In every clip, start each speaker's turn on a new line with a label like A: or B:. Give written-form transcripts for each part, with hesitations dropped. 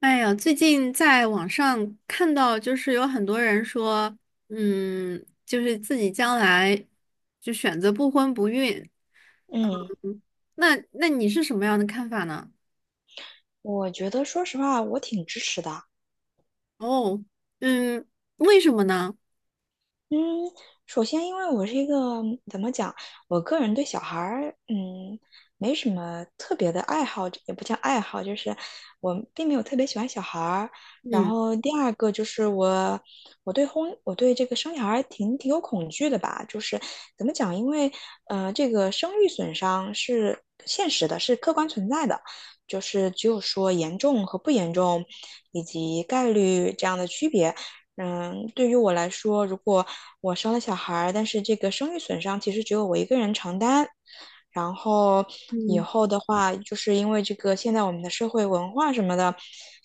A: 哎呀，最近在网上看到，就是有很多人说，就是自己将来就选择不婚不孕。
B: 嗯，
A: 嗯那你是什么样的看法呢？
B: 我觉得说实话，我挺支持的。
A: 哦。嗯，为什么呢？
B: 嗯，首先，因为我是一个怎么讲，我个人对小孩儿，没什么特别的爱好，也不叫爱好，就是我并没有特别喜欢小孩儿。然
A: 嗯
B: 后第二个就是我对婚，我对这个生小孩儿挺有恐惧的吧，就是怎么讲，因为这个生育损伤是现实的，是客观存在的，就是只有说严重和不严重，以及概率这样的区别。嗯，对于我来说，如果我生了小孩儿，但是这个生育损伤其实只有我一个人承担。然后以
A: 嗯
B: 后的话，就是因为这个现在我们的社会文化什么的，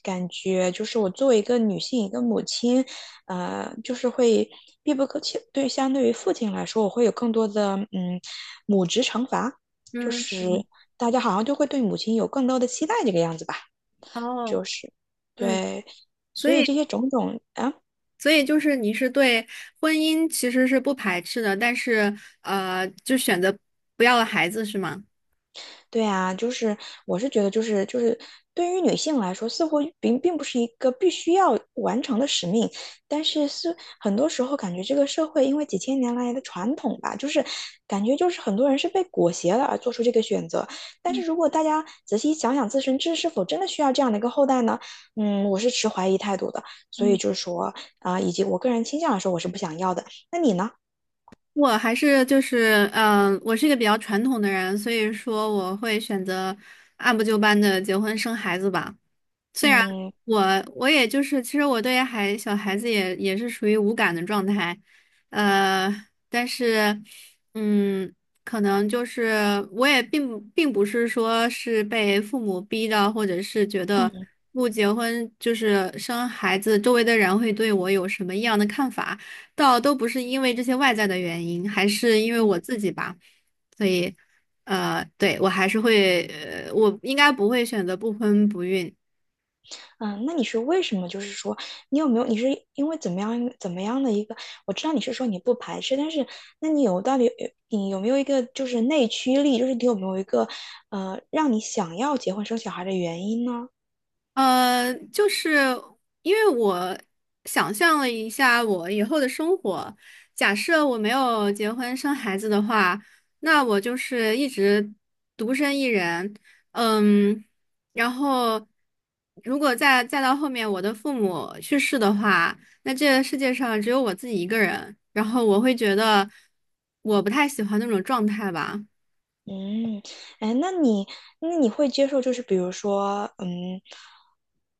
B: 感觉就是我作为一个女性，一个母亲，就是会必不可缺。对，相对于父亲来说，我会有更多的母职惩罚，就
A: 嗯
B: 是
A: 嗯。
B: 大家好像就会对母亲有更多的期待，这个样子吧，
A: 哦。
B: 就是
A: 嗯，
B: 对，
A: 所
B: 所以
A: 以
B: 这些种种啊。哎
A: 所以就是你是对婚姻其实是不排斥的，但是就选择不要了孩子是吗？
B: 对啊，就是我是觉得，就是对于女性来说，似乎并不是一个必须要完成的使命，但是是很多时候感觉这个社会因为几千年来的传统吧，就是感觉就是很多人是被裹挟了而做出这个选择。但是如果大家仔细想想自身这是否真的需要这样的一个后代呢？嗯，我是持怀疑态度的。所以
A: 嗯。
B: 就是说啊、以及我个人倾向来说，我是不想要的。那你呢？
A: 我还是就是，我是一个比较传统的人，所以说我会选择按部就班的结婚生孩子吧。虽然
B: 嗯
A: 我我也就是，其实我对小孩子也是属于无感的状态，呃，但是，嗯，可能就是我也并不是说是被父母逼的，或者是觉得
B: 嗯。
A: 不结婚就是生孩子，周围的人会对我有什么异样的看法，倒都不是因为这些外在的原因，还是因为
B: 嗯。
A: 我自己吧，所以，对，我还是会，我应该不会选择不婚不孕。
B: 嗯，那你是为什么？就是说，你有没有？你是因为怎么样怎么样的一个？我知道你是说你不排斥，但是那你有到底你有没有一个就是内驱力？就是你有没有一个让你想要结婚生小孩的原因呢？
A: 就是因为我想象了一下我以后的生活，假设我没有结婚生孩子的话，那我就是一直独身一人，嗯，然后如果再到后面我的父母去世的话，那这个世界上只有我自己一个人，然后我会觉得我不太喜欢那种状态吧。
B: 嗯，哎，那你会接受，就是比如说，嗯，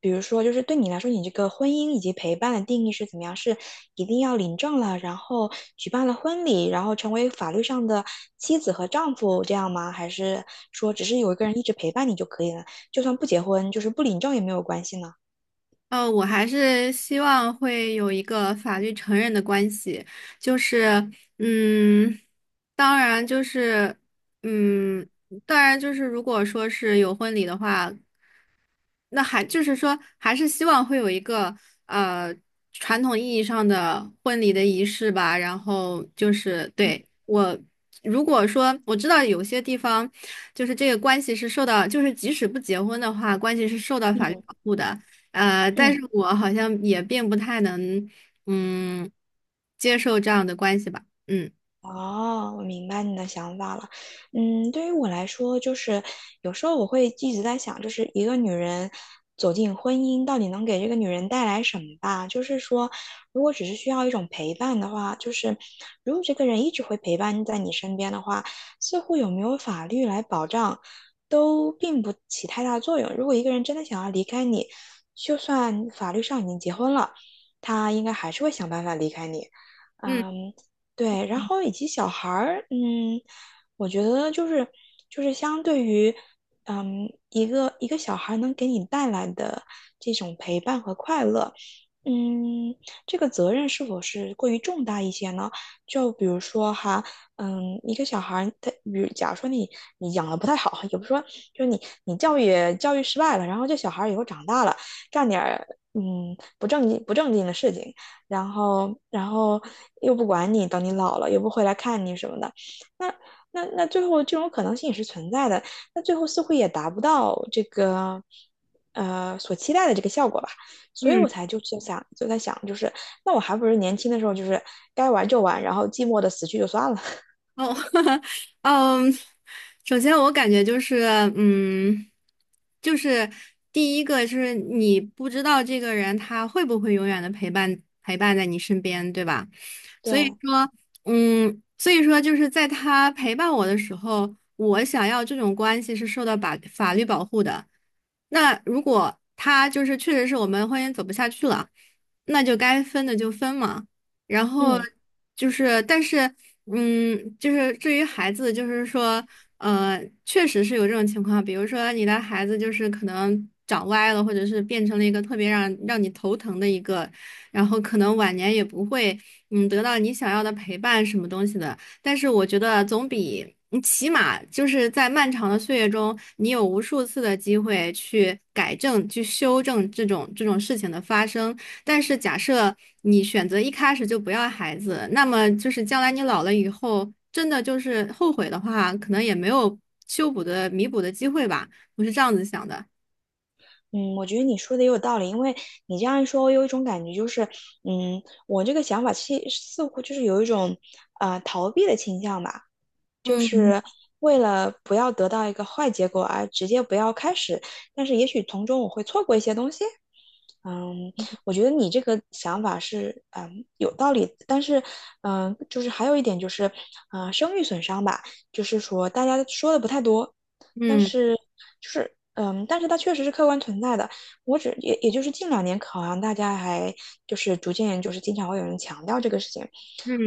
B: 比如说，就是对你来说，你这个婚姻以及陪伴的定义是怎么样？是一定要领证了，然后举办了婚礼，然后成为法律上的妻子和丈夫这样吗？还是说只是有一个人一直陪伴你就可以了，就算不结婚，就是不领证也没有关系呢？
A: 我还是希望会有一个法律承认的关系，就是，嗯，当然就是，嗯，当然就是，如果说是有婚礼的话，那还就是说，还是希望会有一个呃传统意义上的婚礼的仪式吧。然后就是对我，如果说我知道有些地方，就是这个关系是受到，就是即使不结婚的话，关系是受到法律保
B: 嗯。
A: 护的。但是
B: 嗯，
A: 我好像也并不太能嗯接受这样的关系吧。嗯
B: 哦，我明白你的想法了。嗯，对于我来说，就是有时候我会一直在想，就是一个女人走进婚姻，到底能给这个女人带来什么吧？就是说，如果只是需要一种陪伴的话，就是如果这个人一直会陪伴在你身边的话，似乎有没有法律来保障，都并不起太大作用。如果一个人真的想要离开你，就算法律上已经结婚了，他应该还是会想办法离开你。
A: 嗯
B: 嗯，对，然后以及小孩儿，嗯，我觉得就是相对于，嗯，一个小孩能给你带来的这种陪伴和快乐，嗯，这个责任是否是过于重大一些呢？就比如说哈，嗯，一个小孩儿他，比如假如说你你养的不太好，也不是说就是你你教育失败了，然后这小孩儿以后长大了，干点儿不正经的事情。然后又不管你，等你老了又不回来看你什么的，那那最后这种可能性也是存在的，那最后似乎也达不到这个所期待的这个效果吧，所以
A: 嗯。
B: 我才就是想就在想就是，那我还不如年轻的时候就是该玩就玩，然后寂寞的死去就算了，
A: 哦。嗯，首先我感觉就是，嗯，就是第一个就是你不知道这个人他会不会永远的陪伴在你身边，对吧？所以
B: 对，
A: 说，所以说就是在他陪伴我的时候，我想要这种关系是受到法律保护的。那如果他就是确实是我们婚姻走不下去了，那就该分的就分嘛。然后
B: 嗯。
A: 就是，但是，就是至于孩子，就是说，确实是有这种情况，比如说你的孩子就是可能长歪了，或者是变成了一个特别让你头疼的一个，然后可能晚年也不会，得到你想要的陪伴什么东西的。但是我觉得总比你起码就是在漫长的岁月中，你有无数次的机会去改正、去修正这种事情的发生。但是假设你选择一开始就不要孩子，那么就是将来你老了以后，真的就是后悔的话，可能也没有修补的、弥补的机会吧。我是这样子想的。
B: 嗯，我觉得你说的也有道理，因为你这样一说，我有一种感觉，就是，嗯，我这个想法似乎就是有一种，逃避的倾向吧。就
A: 嗯
B: 是为了不要得到一个坏结果而直接不要开始，但是也许从中我会错过一些东西。嗯，我觉得你这个想法是嗯有道理，但是嗯，就是还有一点就是，声誉损伤吧，就是说大家说的不太多，但
A: 嗯
B: 是就是但是它确实是客观存在的。我只也也就是近两年，好像大家还就是逐渐就是经常会有人强调这个事情。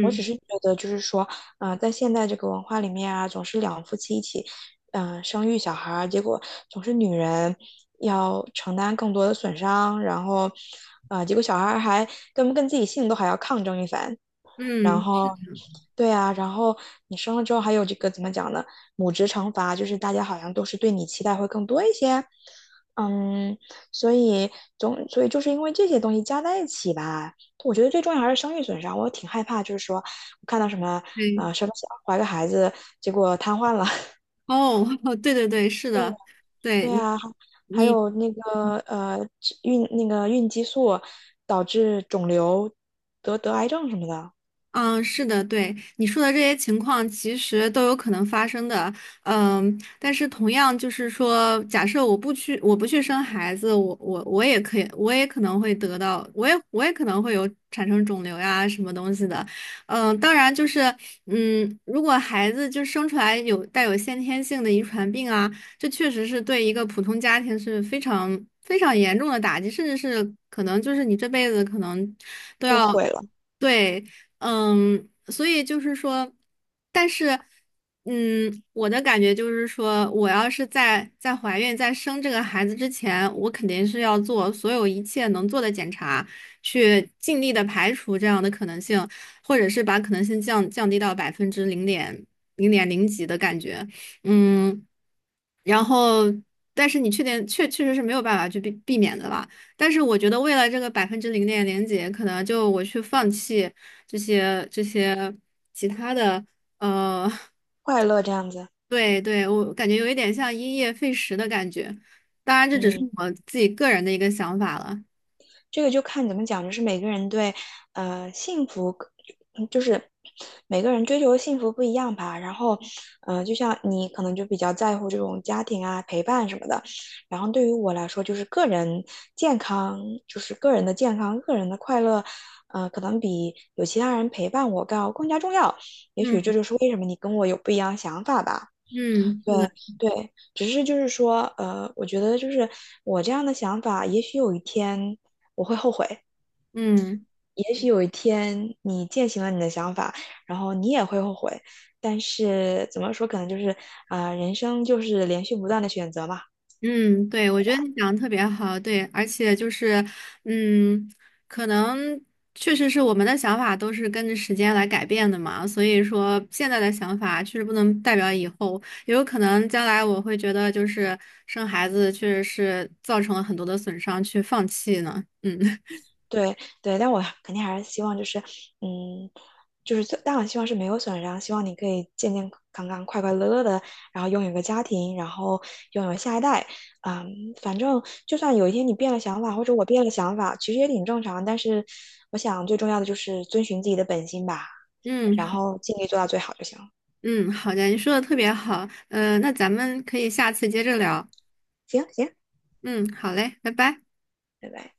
B: 我只是觉得就是说，啊、在现代这个文化里面啊，总是两夫妻一起，生育小孩儿，结果总是女人要承担更多的损伤，然后，啊，结果小孩儿还跟不跟自己姓都还要抗争一番，然
A: 嗯，
B: 后，对啊，然后你生了之后还有这个怎么讲呢？母职惩罚，就是大家好像都是对你期待会更多一些，嗯，所以所以就是因为这些东西加在一起吧，我觉得最重要还是生育损伤，我挺害怕，就是说我看到什么
A: 对。
B: 什么小怀个孩子，结果瘫痪了。
A: 哦，对对对，是的，
B: 对
A: 对
B: 啊，还还
A: 你。
B: 有那个那个孕激素导致肿瘤得癌症什么的，
A: 嗯，是的，对你说的这些情况，其实都有可能发生的。但是同样就是说，假设我不去生孩子，我也可以，我也可能会得到，我也可能会有产生肿瘤呀什么东西的。当然就是，如果孩子就生出来有带有先天性的遗传病啊，这确实是对一个普通家庭是非常非常严重的打击，甚至是可能就是你这辈子可能都
B: 就
A: 要。
B: 毁了
A: 对。所以就是说，但是，我的感觉就是说，我要是在怀孕、在生这个孩子之前，我肯定是要做所有一切能做的检查，去尽力的排除这样的可能性，或者是把可能性降低到百分之零点零几的感觉，嗯，然后，但是你确定确实是没有办法去避免的吧？但是我觉得为了这个百分之零点零几，可能就我去放弃。这些其他的，呃，
B: 快乐这样子。
A: 对对，我感觉有一点像因噎废食的感觉。当然，这只是
B: 嗯。
A: 我自己个人的一个想法了。
B: 这个就看怎么讲，就是每个人对幸福，嗯就是每个人追求的幸福不一样吧。然后，呃，就像你可能就比较在乎这种家庭啊、陪伴什么的。然后对于我来说，就是个人健康，就是个人的健康、个人的快乐，呃，可能比有其他人陪伴我更加重要。也
A: 嗯
B: 许这就是为什么你跟我有不一样的想法吧。
A: 嗯，
B: 对
A: 是的，
B: 对，只是就是说，我觉得就是我这样的想法，也许有一天我会后悔，
A: 嗯。
B: 也许有一天你践行了你的想法，然后你也会后悔。但是怎么说，可能就是人生就是连续不断的选择嘛。
A: 嗯，对，我觉得你讲的特别好，对，而且就是，嗯，可能确实是我们的想法都是跟着时间来改变的嘛，所以说现在的想法确实不能代表以后，也有可能将来我会觉得就是生孩子确实是造成了很多的损伤，去放弃呢。嗯。
B: 对对，但我肯定还是希望就是，嗯，就是最，但我希望是没有损伤，希望你可以健健康康、快快乐乐的，然后拥有一个家庭，然后拥有下一代。嗯，反正就算有一天你变了想法，或者我变了想法，其实也挺正常。但是我想最重要的就是遵循自己的本心吧，
A: 嗯，
B: 然
A: 好。
B: 后尽力做到最好就行了。
A: 嗯，好的，你说的特别好，那咱们可以下次接着聊。
B: 行行，
A: 嗯，好嘞，拜拜。
B: 拜拜。